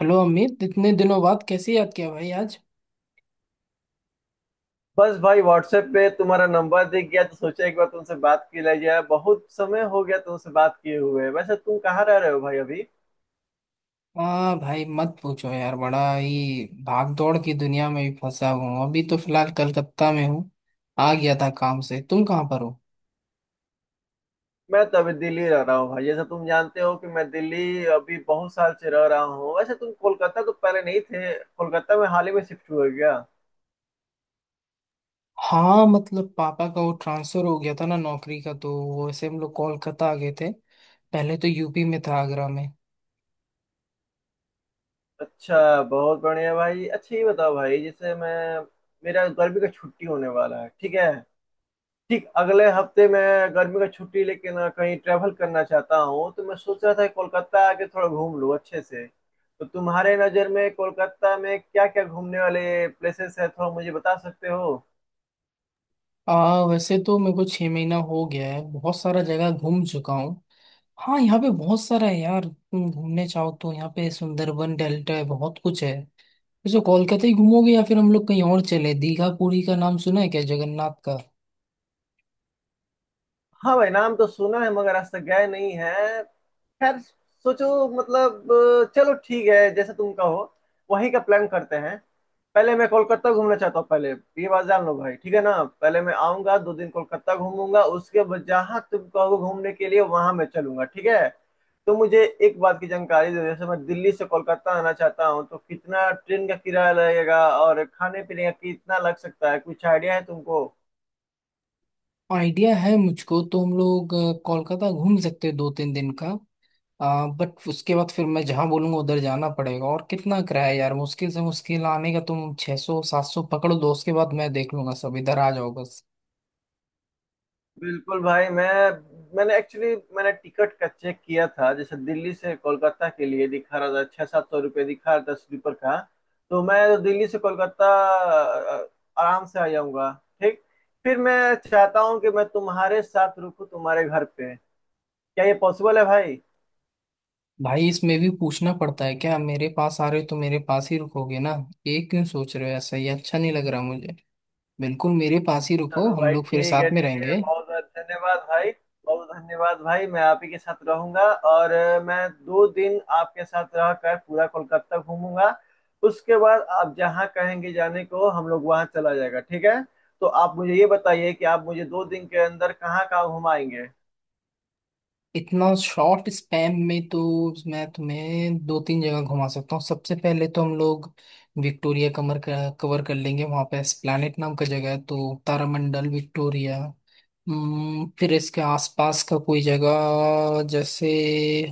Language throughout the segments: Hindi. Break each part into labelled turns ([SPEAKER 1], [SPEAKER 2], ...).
[SPEAKER 1] हेलो अमित, इतने दिनों बाद कैसे याद किया भाई आज।
[SPEAKER 2] बस भाई, व्हाट्सएप पे तुम्हारा नंबर दिख गया तो सोचा एक बार तुमसे बात की ले जाए। बहुत समय हो गया तुमसे बात किए हुए। वैसे तुम कहाँ रह रहे हो भाई अभी?
[SPEAKER 1] हाँ भाई मत पूछो यार, बड़ा ही भाग दौड़ की दुनिया में भी फंसा हूँ। अभी तो फिलहाल कलकत्ता में हूँ, आ गया था काम से। तुम कहाँ पर हो?
[SPEAKER 2] मैं तो अभी दिल्ली रह रहा हूँ भाई। जैसे तुम जानते हो कि मैं दिल्ली अभी बहुत साल से रह रहा हूँ। वैसे तुम कोलकाता तो पहले नहीं थे, कोलकाता में हाल ही में शिफ्ट हुए क्या?
[SPEAKER 1] हाँ मतलब पापा का वो ट्रांसफर हो गया था ना नौकरी का, तो वैसे हम लोग कोलकाता आ गए थे। पहले तो यूपी में था, आगरा में।
[SPEAKER 2] अच्छा, बहुत बढ़िया भाई। अच्छा ये बताओ भाई, जैसे मैं, मेरा गर्मी का छुट्टी होने वाला है ठीक है, ठीक अगले हफ्ते मैं गर्मी का छुट्टी लेके ना कहीं ट्रैवल करना चाहता हूँ। तो मैं सोच रहा था कोलकाता आके थोड़ा घूम लूँ अच्छे से। तो तुम्हारे नज़र में कोलकाता में क्या क्या घूमने वाले प्लेसेस है, थोड़ा मुझे बता सकते हो?
[SPEAKER 1] आ वैसे तो मेरे को 6 महीना हो गया है, बहुत सारा जगह घूम चुका हूँ। हाँ यहाँ पे बहुत सारा है यार, तुम घूमने चाहो तो यहाँ पे सुंदरबन डेल्टा है, बहुत कुछ है। वैसे कोलकाता ही घूमोगे या फिर हम लोग कहीं और चले? दीघा पुरी का नाम सुना है क्या, जगन्नाथ का?
[SPEAKER 2] हाँ भाई, नाम तो सुना है मगर आज तक गए नहीं है। खैर, सोचो। मतलब चलो ठीक है, जैसे तुम कहो वहीं का प्लान करते हैं। पहले मैं कोलकाता घूमना चाहता हूँ, पहले ये बात जान लो भाई ठीक है ना। पहले मैं आऊंगा, 2 दिन कोलकाता घूमूंगा, उसके बाद जहाँ तुम कहो घूमने के लिए वहां मैं चलूंगा ठीक है। तो मुझे एक बात की जानकारी दो, जैसे मैं दिल्ली से कोलकाता आना चाहता हूँ तो कितना ट्रेन का किराया लगेगा और खाने पीने का कितना लग सकता है, कुछ आइडिया है तुमको?
[SPEAKER 1] आइडिया है मुझको, तो हम लोग कोलकाता घूम सकते हैं 2-3 दिन का। बट उसके बाद फिर मैं जहाँ बोलूंगा उधर जाना पड़ेगा। और कितना किराया है यार, मुश्किल से मुश्किल आने का तुम 600-700 पकड़ लो। उसके बाद मैं देख लूंगा सब, इधर आ जाओ बस।
[SPEAKER 2] बिल्कुल भाई, मैं, मैंने एक्चुअली मैंने टिकट का चेक किया था। जैसे दिल्ली से कोलकाता के लिए दिखा रहा था, ₹600-700 दिखा रहा था स्लीपर का। तो मैं तो दिल्ली से कोलकाता अ, आराम से आ जाऊंगा ठीक। फिर मैं चाहता हूँ कि मैं तुम्हारे साथ रुकूँ, तुम्हारे घर पे। क्या ये पॉसिबल है भाई?
[SPEAKER 1] भाई इसमें भी पूछना पड़ता है क्या? मेरे पास आ रहे हो तो मेरे पास ही रुकोगे ना। ये क्यों सोच रहे हो ऐसा? ये अच्छा नहीं लग रहा मुझे। बिल्कुल मेरे पास ही रुको,
[SPEAKER 2] चलो
[SPEAKER 1] हम
[SPEAKER 2] भाई
[SPEAKER 1] लोग फिर
[SPEAKER 2] ठीक है,
[SPEAKER 1] साथ में
[SPEAKER 2] ठीक है।
[SPEAKER 1] रहेंगे।
[SPEAKER 2] बहुत बहुत धन्यवाद भाई, बहुत धन्यवाद भाई। मैं आप ही के साथ रहूंगा और मैं 2 दिन आपके साथ रहकर पूरा कोलकाता घूमूंगा। उसके बाद आप जहाँ कहेंगे जाने को, हम लोग वहाँ चला जाएगा ठीक है। तो आप मुझे ये बताइए कि आप मुझे 2 दिन के अंदर कहाँ कहाँ घुमाएंगे?
[SPEAKER 1] इतना शॉर्ट स्पैम में तो मैं तुम्हें दो तीन जगह घुमा सकता हूँ। सबसे पहले तो हम लोग विक्टोरिया कमर कवर कर लेंगे। वहाँ पे एस्प्लैनेट नाम का जगह है, तो तारामंडल, विक्टोरिया। फिर इसके आसपास का कोई जगह जैसे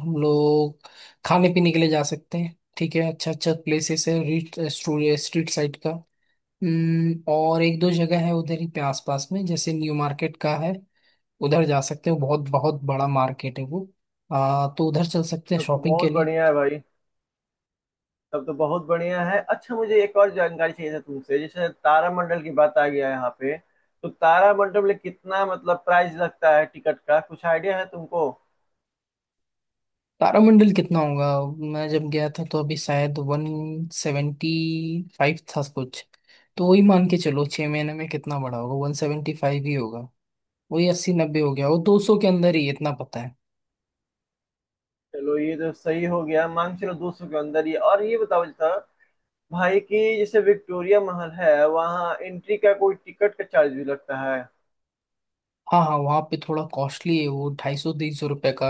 [SPEAKER 1] हम लोग खाने पीने के लिए जा सकते हैं, ठीक है। अच्छा अच्छा प्लेसेस है रीट स्ट्रीट साइड का। और एक दो जगह है उधर ही पे आसपास में, जैसे न्यू मार्केट का है। उधर जा सकते हो, बहुत बहुत बड़ा मार्केट है वो। तो उधर चल सकते हैं
[SPEAKER 2] तब तो
[SPEAKER 1] शॉपिंग के
[SPEAKER 2] बहुत
[SPEAKER 1] लिए।
[SPEAKER 2] बढ़िया है भाई, तब तो बहुत बढ़िया है। अच्छा, मुझे एक और जानकारी चाहिए था तुमसे। जैसे तारामंडल की बात आ गया यहाँ पे, तो तारामंडल में कितना मतलब प्राइस लगता है टिकट का, कुछ आइडिया है तुमको?
[SPEAKER 1] तारामंडल कितना होगा? मैं जब गया था तो अभी शायद 175 था कुछ। तो वही मान के चलो, 6 महीने में कितना बड़ा होगा, 175 ही होगा। वही अस्सी नब्बे हो गया, वो 200 के अंदर ही, इतना पता है।
[SPEAKER 2] चलो ये तो सही हो गया, मान के चलो 200 के अंदर ही। और ये बताओ था भाई कि जैसे विक्टोरिया महल है, वहाँ एंट्री का कोई टिकट का चार्ज भी लगता है?
[SPEAKER 1] हाँ हाँ, वहाँ पे थोड़ा कॉस्टली है, वो 250-300 रुपये का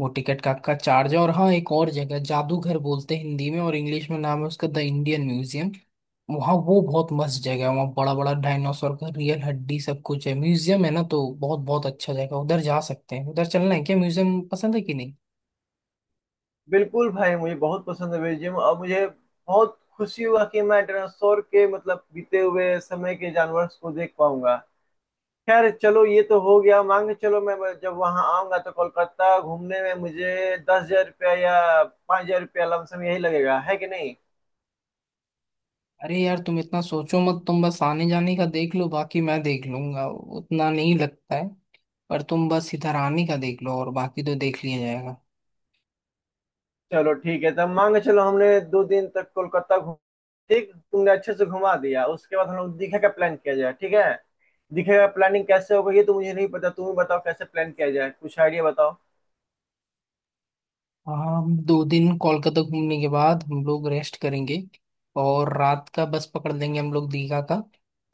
[SPEAKER 1] वो टिकट का चार्ज है। और हाँ, एक और जगह जादूघर बोलते हैं हिंदी में, और इंग्लिश में नाम है उसका द इंडियन म्यूजियम। वहाँ वो बहुत मस्त जगह है, वहाँ बड़ा बड़ा डायनासोर का रियल हड्डी सब कुछ है। म्यूजियम है ना, तो बहुत बहुत अच्छा जगह, उधर जा सकते हैं। उधर चलना है क्या, म्यूजियम पसंद है कि नहीं?
[SPEAKER 2] बिल्कुल भाई, मुझे बहुत पसंद है म्यूजियम, और मुझे बहुत खुशी हुआ कि मैं डायनासोर के मतलब बीते हुए समय के जानवर को देख पाऊंगा। खैर, चलो ये तो हो गया मान के चलो। मैं जब वहाँ आऊंगा तो कोलकाता घूमने में मुझे 10,000 रुपया या 5,000 रुपया लमसम यही लगेगा है कि नहीं?
[SPEAKER 1] अरे यार तुम इतना सोचो मत, तुम बस आने जाने का देख लो, बाकी मैं देख लूंगा। उतना नहीं लगता है, पर तुम बस इधर आने का देख लो और बाकी तो देख लिया जाएगा।
[SPEAKER 2] चलो ठीक है, तब मान के चलो हमने 2 दिन तक कोलकाता घूम, ठीक तुमने अच्छे से घुमा दिया। उसके बाद हम लोग दीघा का प्लान किया जाए ठीक है। दीघा का प्लानिंग कैसे होगा ये तो मुझे नहीं पता, तुम ही बताओ कैसे प्लान किया जाए, कुछ आइडिया बताओ।
[SPEAKER 1] हम दो दिन कोलकाता घूमने के बाद हम लोग रेस्ट करेंगे, और रात का बस पकड़ लेंगे हम लोग दीघा का।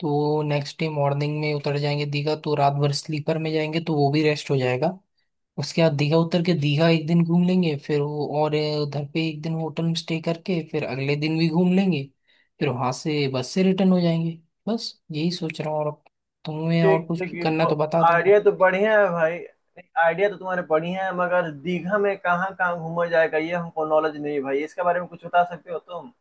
[SPEAKER 1] तो नेक्स्ट डे मॉर्निंग में उतर जाएंगे दीघा, तो रात भर स्लीपर में जाएंगे तो वो भी रेस्ट हो जाएगा। उसके बाद दीघा उतर के दीघा एक दिन घूम लेंगे, फिर वो और उधर पे एक दिन होटल में स्टे करके फिर अगले दिन भी घूम लेंगे। फिर वहां से बस से रिटर्न हो जाएंगे। बस यही सोच रहा हूँ, और अब तुम्हें
[SPEAKER 2] ठीक
[SPEAKER 1] और कुछ
[SPEAKER 2] ठीक,
[SPEAKER 1] करना है तो बता
[SPEAKER 2] आइडिया
[SPEAKER 1] देना।
[SPEAKER 2] तो बढ़िया है भाई। आइडिया तो तुम्हारे बढ़िया है, मगर दीघा में कहाँ कहाँ घूमा जाएगा ये हमको नॉलेज नहीं है भाई, इसके बारे में कुछ बता सकते हो तुम?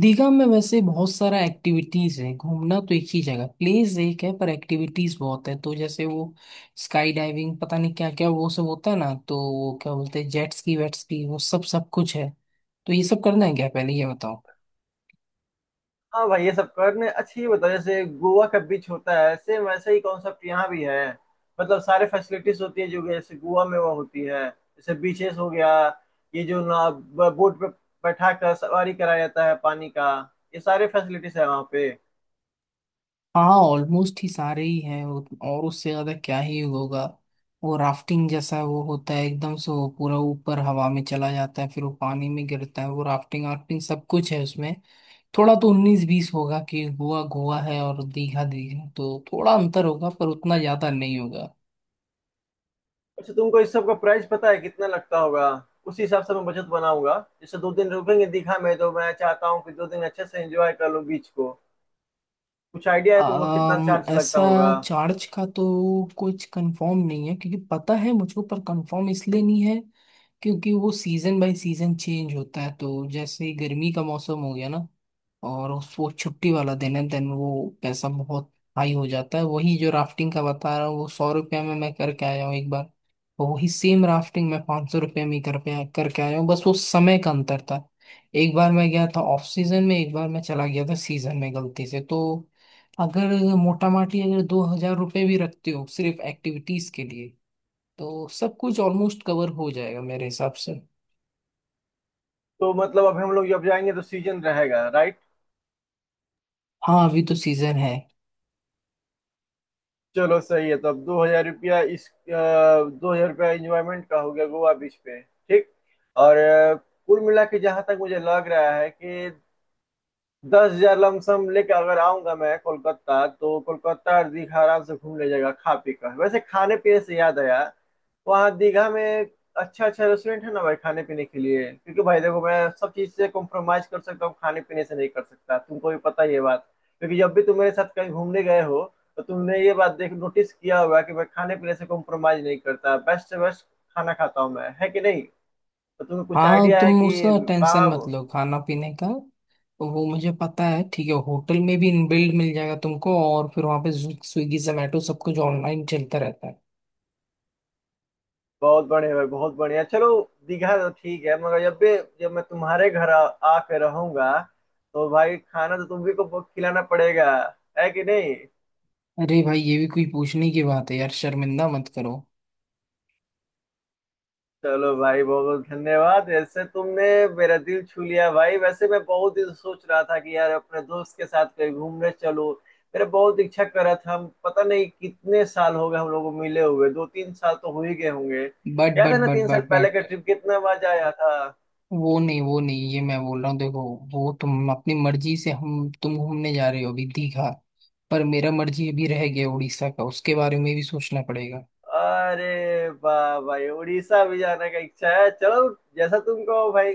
[SPEAKER 1] दीघा में वैसे बहुत सारा एक्टिविटीज है, घूमना तो एक ही जगह प्लेस एक है पर एक्टिविटीज बहुत है। तो जैसे वो स्काई डाइविंग, पता नहीं क्या क्या वो सब होता है ना, तो वो क्या बोलते हैं जेट स्की वेट स्की, वो सब सब कुछ है। तो ये सब करना है क्या, पहले ये बताओ।
[SPEAKER 2] हाँ भाई, ये सब करने अच्छी बताओ। जैसे गोवा का बीच होता है सेम वैसे ही कॉन्सेप्ट यहाँ भी है? मतलब सारे फैसिलिटीज होती है जो कि जैसे गोवा में वो होती है, जैसे बीचेस हो गया, ये जो ना बोट पे बैठा कर सवारी कराया जाता है पानी का, ये सारे फैसिलिटीज है वहाँ पे?
[SPEAKER 1] हाँ ऑलमोस्ट ही सारे ही हैं और उससे ज्यादा क्या ही होगा। वो राफ्टिंग जैसा वो होता है, एकदम से वो पूरा ऊपर हवा में चला जाता है फिर वो पानी में गिरता है, वो राफ्टिंग वाफ्टिंग सब कुछ है उसमें। थोड़ा तो उन्नीस बीस होगा कि गोवा गोवा है और दीघा दीघा, तो थोड़ा अंतर होगा पर उतना ज्यादा नहीं होगा।
[SPEAKER 2] अच्छा, तुमको इस सब का प्राइस पता है कितना लगता होगा? उसी हिसाब से मैं बजट बनाऊंगा। जैसे 2 दिन रुकेंगे दीघा में, तो मैं चाहता हूँ कि 2 दिन अच्छे से एंजॉय कर लूँ बीच को। कुछ आइडिया है तुमको कितना चार्ज लगता
[SPEAKER 1] ऐसा
[SPEAKER 2] होगा?
[SPEAKER 1] चार्ज का तो कुछ कंफर्म नहीं है, क्योंकि पता है मुझको पर कंफर्म इसलिए नहीं है क्योंकि वो सीजन बाय सीजन चेंज होता है। तो जैसे ही गर्मी का मौसम हो गया ना और उस वो छुट्टी वाला दिन है, देन वो पैसा बहुत हाई हो जाता है। वही जो राफ्टिंग का बता रहा हूँ, वो 100 रुपया में मैं करके आया हूँ एक बार। और वही सेम राफ्टिंग मैं 500 रुपये में कर पे करके आया हूँ, बस वो समय का अंतर था। एक बार मैं गया था ऑफ सीजन में, एक बार मैं चला गया था सीजन में गलती से। तो अगर मोटा माटी अगर 2,000 रुपये भी रखते हो सिर्फ एक्टिविटीज के लिए, तो सब कुछ ऑलमोस्ट कवर हो जाएगा मेरे हिसाब से।
[SPEAKER 2] तो मतलब अभी हम लोग जब जाएंगे तो सीजन रहेगा राइट?
[SPEAKER 1] हाँ अभी तो सीजन है।
[SPEAKER 2] चलो सही है। तो अब 2,000 रुपया इस 2,000 रुपया इंजॉयमेंट का हो गया गोवा बीच पे ठीक। और कुल मिला के जहां तक मुझे लग रहा है कि 10,000 लमसम लेके अगर आऊंगा मैं कोलकाता, तो कोलकाता और दीघा आराम से घूम लीजिएगा खा पी कर। वैसे खाने पीने से याद आया, वहाँ दीघा में अच्छा अच्छा रेस्टोरेंट है ना भाई खाने पीने के लिए? क्योंकि भाई देखो, मैं सब चीज से कॉम्प्रोमाइज कर सकता हूँ, खाने पीने से नहीं कर सकता, तुमको भी पता है ये बात। क्योंकि जब भी तुम मेरे साथ कहीं घूमने गए हो, तो तुमने ये बात देख नोटिस किया होगा कि मैं खाने पीने से कॉम्प्रोमाइज नहीं करता, बेस्ट से बेस्ट खाना खाता हूँ मैं, है कि नहीं? तो तुम्हें कुछ
[SPEAKER 1] हाँ
[SPEAKER 2] आइडिया है
[SPEAKER 1] तुम
[SPEAKER 2] कि
[SPEAKER 1] उसका टेंशन
[SPEAKER 2] कहाँ?
[SPEAKER 1] मत लो खाना पीने का, वो मुझे पता है। ठीक है, होटल में भी इनबिल्ड मिल जाएगा तुमको, और फिर वहाँ पे स्विगी जोमेटो सब कुछ ऑनलाइन चलता रहता है।
[SPEAKER 2] बहुत बढ़िया भाई, बहुत बढ़िया। चलो, दीघा तो ठीक है। मगर जब भी, जब मैं तुम्हारे घर आके रहूंगा, तो भाई खाना तो तुम भी को खिलाना पड़ेगा, है कि नहीं?
[SPEAKER 1] अरे भाई ये भी कोई पूछने की बात है यार, शर्मिंदा मत करो।
[SPEAKER 2] चलो भाई, बहुत धन्यवाद। ऐसे तुमने मेरा दिल छू लिया भाई। वैसे मैं बहुत दिन सोच रहा था कि यार अपने दोस्त के साथ कहीं घूमने चलो, मेरा बहुत इच्छा कर रहा था। हम पता नहीं कितने साल हो गए हम लोग को मिले हुए, 2-3 साल तो हो ही गए होंगे।
[SPEAKER 1] बट
[SPEAKER 2] याद है
[SPEAKER 1] बट
[SPEAKER 2] ना,
[SPEAKER 1] बट
[SPEAKER 2] 3 साल
[SPEAKER 1] बट
[SPEAKER 2] पहले का
[SPEAKER 1] बट
[SPEAKER 2] ट्रिप कितना मजा आया था?
[SPEAKER 1] वो नहीं वो नहीं, ये मैं बोल रहा हूँ देखो। वो तुम अपनी मर्जी से, हम तुम घूमने जा रहे हो अभी दीघा, पर मेरा मर्जी अभी रह गया उड़ीसा का, उसके बारे में भी सोचना पड़ेगा।
[SPEAKER 2] अरे वाह भाई, उड़ीसा भी जाने का इच्छा है, चलो जैसा तुम कहो भाई।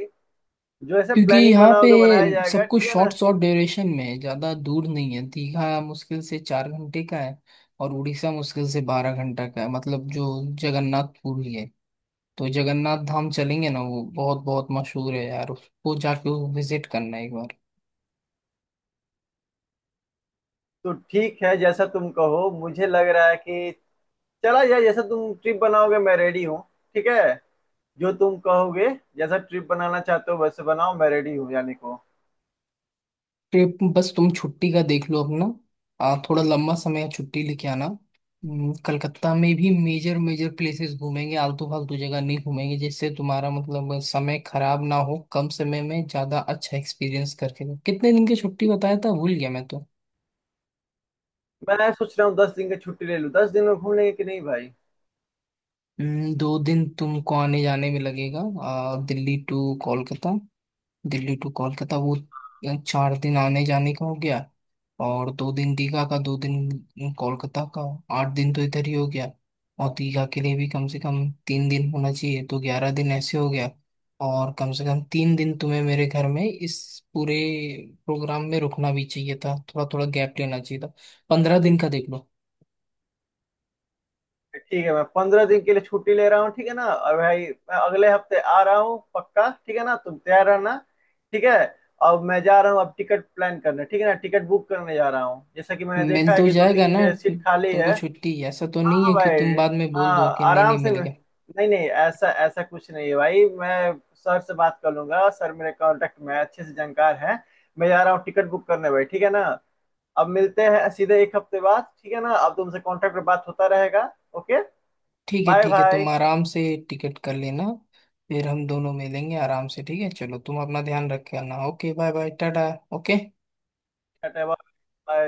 [SPEAKER 2] जो ऐसा
[SPEAKER 1] क्योंकि
[SPEAKER 2] प्लानिंग
[SPEAKER 1] यहाँ पे
[SPEAKER 2] बनाओगे बनाया जाएगा
[SPEAKER 1] सब कुछ
[SPEAKER 2] ठीक है ना।
[SPEAKER 1] शॉर्ट शॉर्ट ड्यूरेशन में है, ज़्यादा दूर नहीं है। दीघा मुश्किल से 4 घंटे का है, और उड़ीसा मुश्किल से 12 घंटा का है। मतलब जो जगन्नाथपुरी है, तो जगन्नाथ धाम चलेंगे ना, वो बहुत बहुत मशहूर है यार, उसको जाके विजिट करना एक बार।
[SPEAKER 2] तो ठीक है जैसा तुम कहो, मुझे लग रहा है कि चला जाए। जैसा तुम ट्रिप बनाओगे मैं रेडी हूँ ठीक है, जो तुम कहोगे। जैसा ट्रिप बनाना चाहते हो वैसे बनाओ, मैं रेडी हूँ जाने को।
[SPEAKER 1] ट्रिप बस तुम छुट्टी का देख लो अपना। थोड़ा लंबा समय छुट्टी लेके आना। कलकत्ता में भी मेजर मेजर प्लेसेस घूमेंगे, आलतू फालतू जगह नहीं घूमेंगे जिससे तुम्हारा मतलब समय खराब ना हो, कम समय में ज्यादा अच्छा एक्सपीरियंस करके दो। कितने दिन की छुट्टी बताया था, भूल गया मैं तो।
[SPEAKER 2] मैं सोच रहा हूँ 10 दिन की छुट्टी ले लूँ, 10 दिन में घूम लेंगे कि नहीं भाई?
[SPEAKER 1] 2 दिन तुमको आने जाने में लगेगा। दिल्ली टू कोलकाता। दिल्ली टू कोलकाता, 4 दिन आने जाने का हो गया, और 2 दिन दीघा का, 2 दिन कोलकाता का, 8 दिन तो इधर ही हो गया। और दीघा के लिए भी कम से कम 3 दिन होना चाहिए, तो 11 दिन ऐसे हो गया। और कम से कम 3 दिन तुम्हें मेरे घर में इस पूरे प्रोग्राम में रुकना भी चाहिए था, थोड़ा थोड़ा गैप लेना चाहिए था। 15 दिन का देख लो।
[SPEAKER 2] ठीक है, मैं 15 दिन के लिए छुट्टी ले रहा हूँ ठीक है ना। और भाई मैं अगले हफ्ते आ रहा हूँ पक्का, ठीक है ना, तुम तैयार रहना ठीक है। अब मैं जा रहा हूँ अब टिकट प्लान करने, ठीक है ना। टिकट बुक करने जा रहा हूँ, जैसा कि मैंने
[SPEAKER 1] मिल
[SPEAKER 2] देखा है
[SPEAKER 1] तो
[SPEAKER 2] कि दो
[SPEAKER 1] जाएगा
[SPEAKER 2] तीन
[SPEAKER 1] ना
[SPEAKER 2] सीट खाली
[SPEAKER 1] तुमको
[SPEAKER 2] है।
[SPEAKER 1] छुट्टी? ऐसा तो
[SPEAKER 2] हाँ
[SPEAKER 1] नहीं है
[SPEAKER 2] हाँ
[SPEAKER 1] कि तुम
[SPEAKER 2] भाई,
[SPEAKER 1] बाद में बोल
[SPEAKER 2] हाँ
[SPEAKER 1] दो कि नहीं
[SPEAKER 2] आराम
[SPEAKER 1] नहीं
[SPEAKER 2] से
[SPEAKER 1] मिलेगा।
[SPEAKER 2] नहीं नहीं, ऐसा ऐसा कुछ नहीं है भाई। मैं सर से बात कर लूंगा, सर मेरे कांटेक्ट में है, अच्छे से जानकार है। मैं जा रहा हूँ टिकट बुक करने भाई, ठीक है ना। अब मिलते हैं सीधे एक हफ्ते बाद, ठीक है ना। अब तुमसे कांटेक्ट पर बात होता रहेगा। ओके,
[SPEAKER 1] ठीक है
[SPEAKER 2] बाय
[SPEAKER 1] ठीक है,
[SPEAKER 2] बाय
[SPEAKER 1] तुम आराम से टिकट कर लेना, फिर हम दोनों मिलेंगे आराम से। ठीक है, चलो तुम अपना ध्यान रख के आना। ओके बाय बाय टाटा। ओके।
[SPEAKER 2] बाय।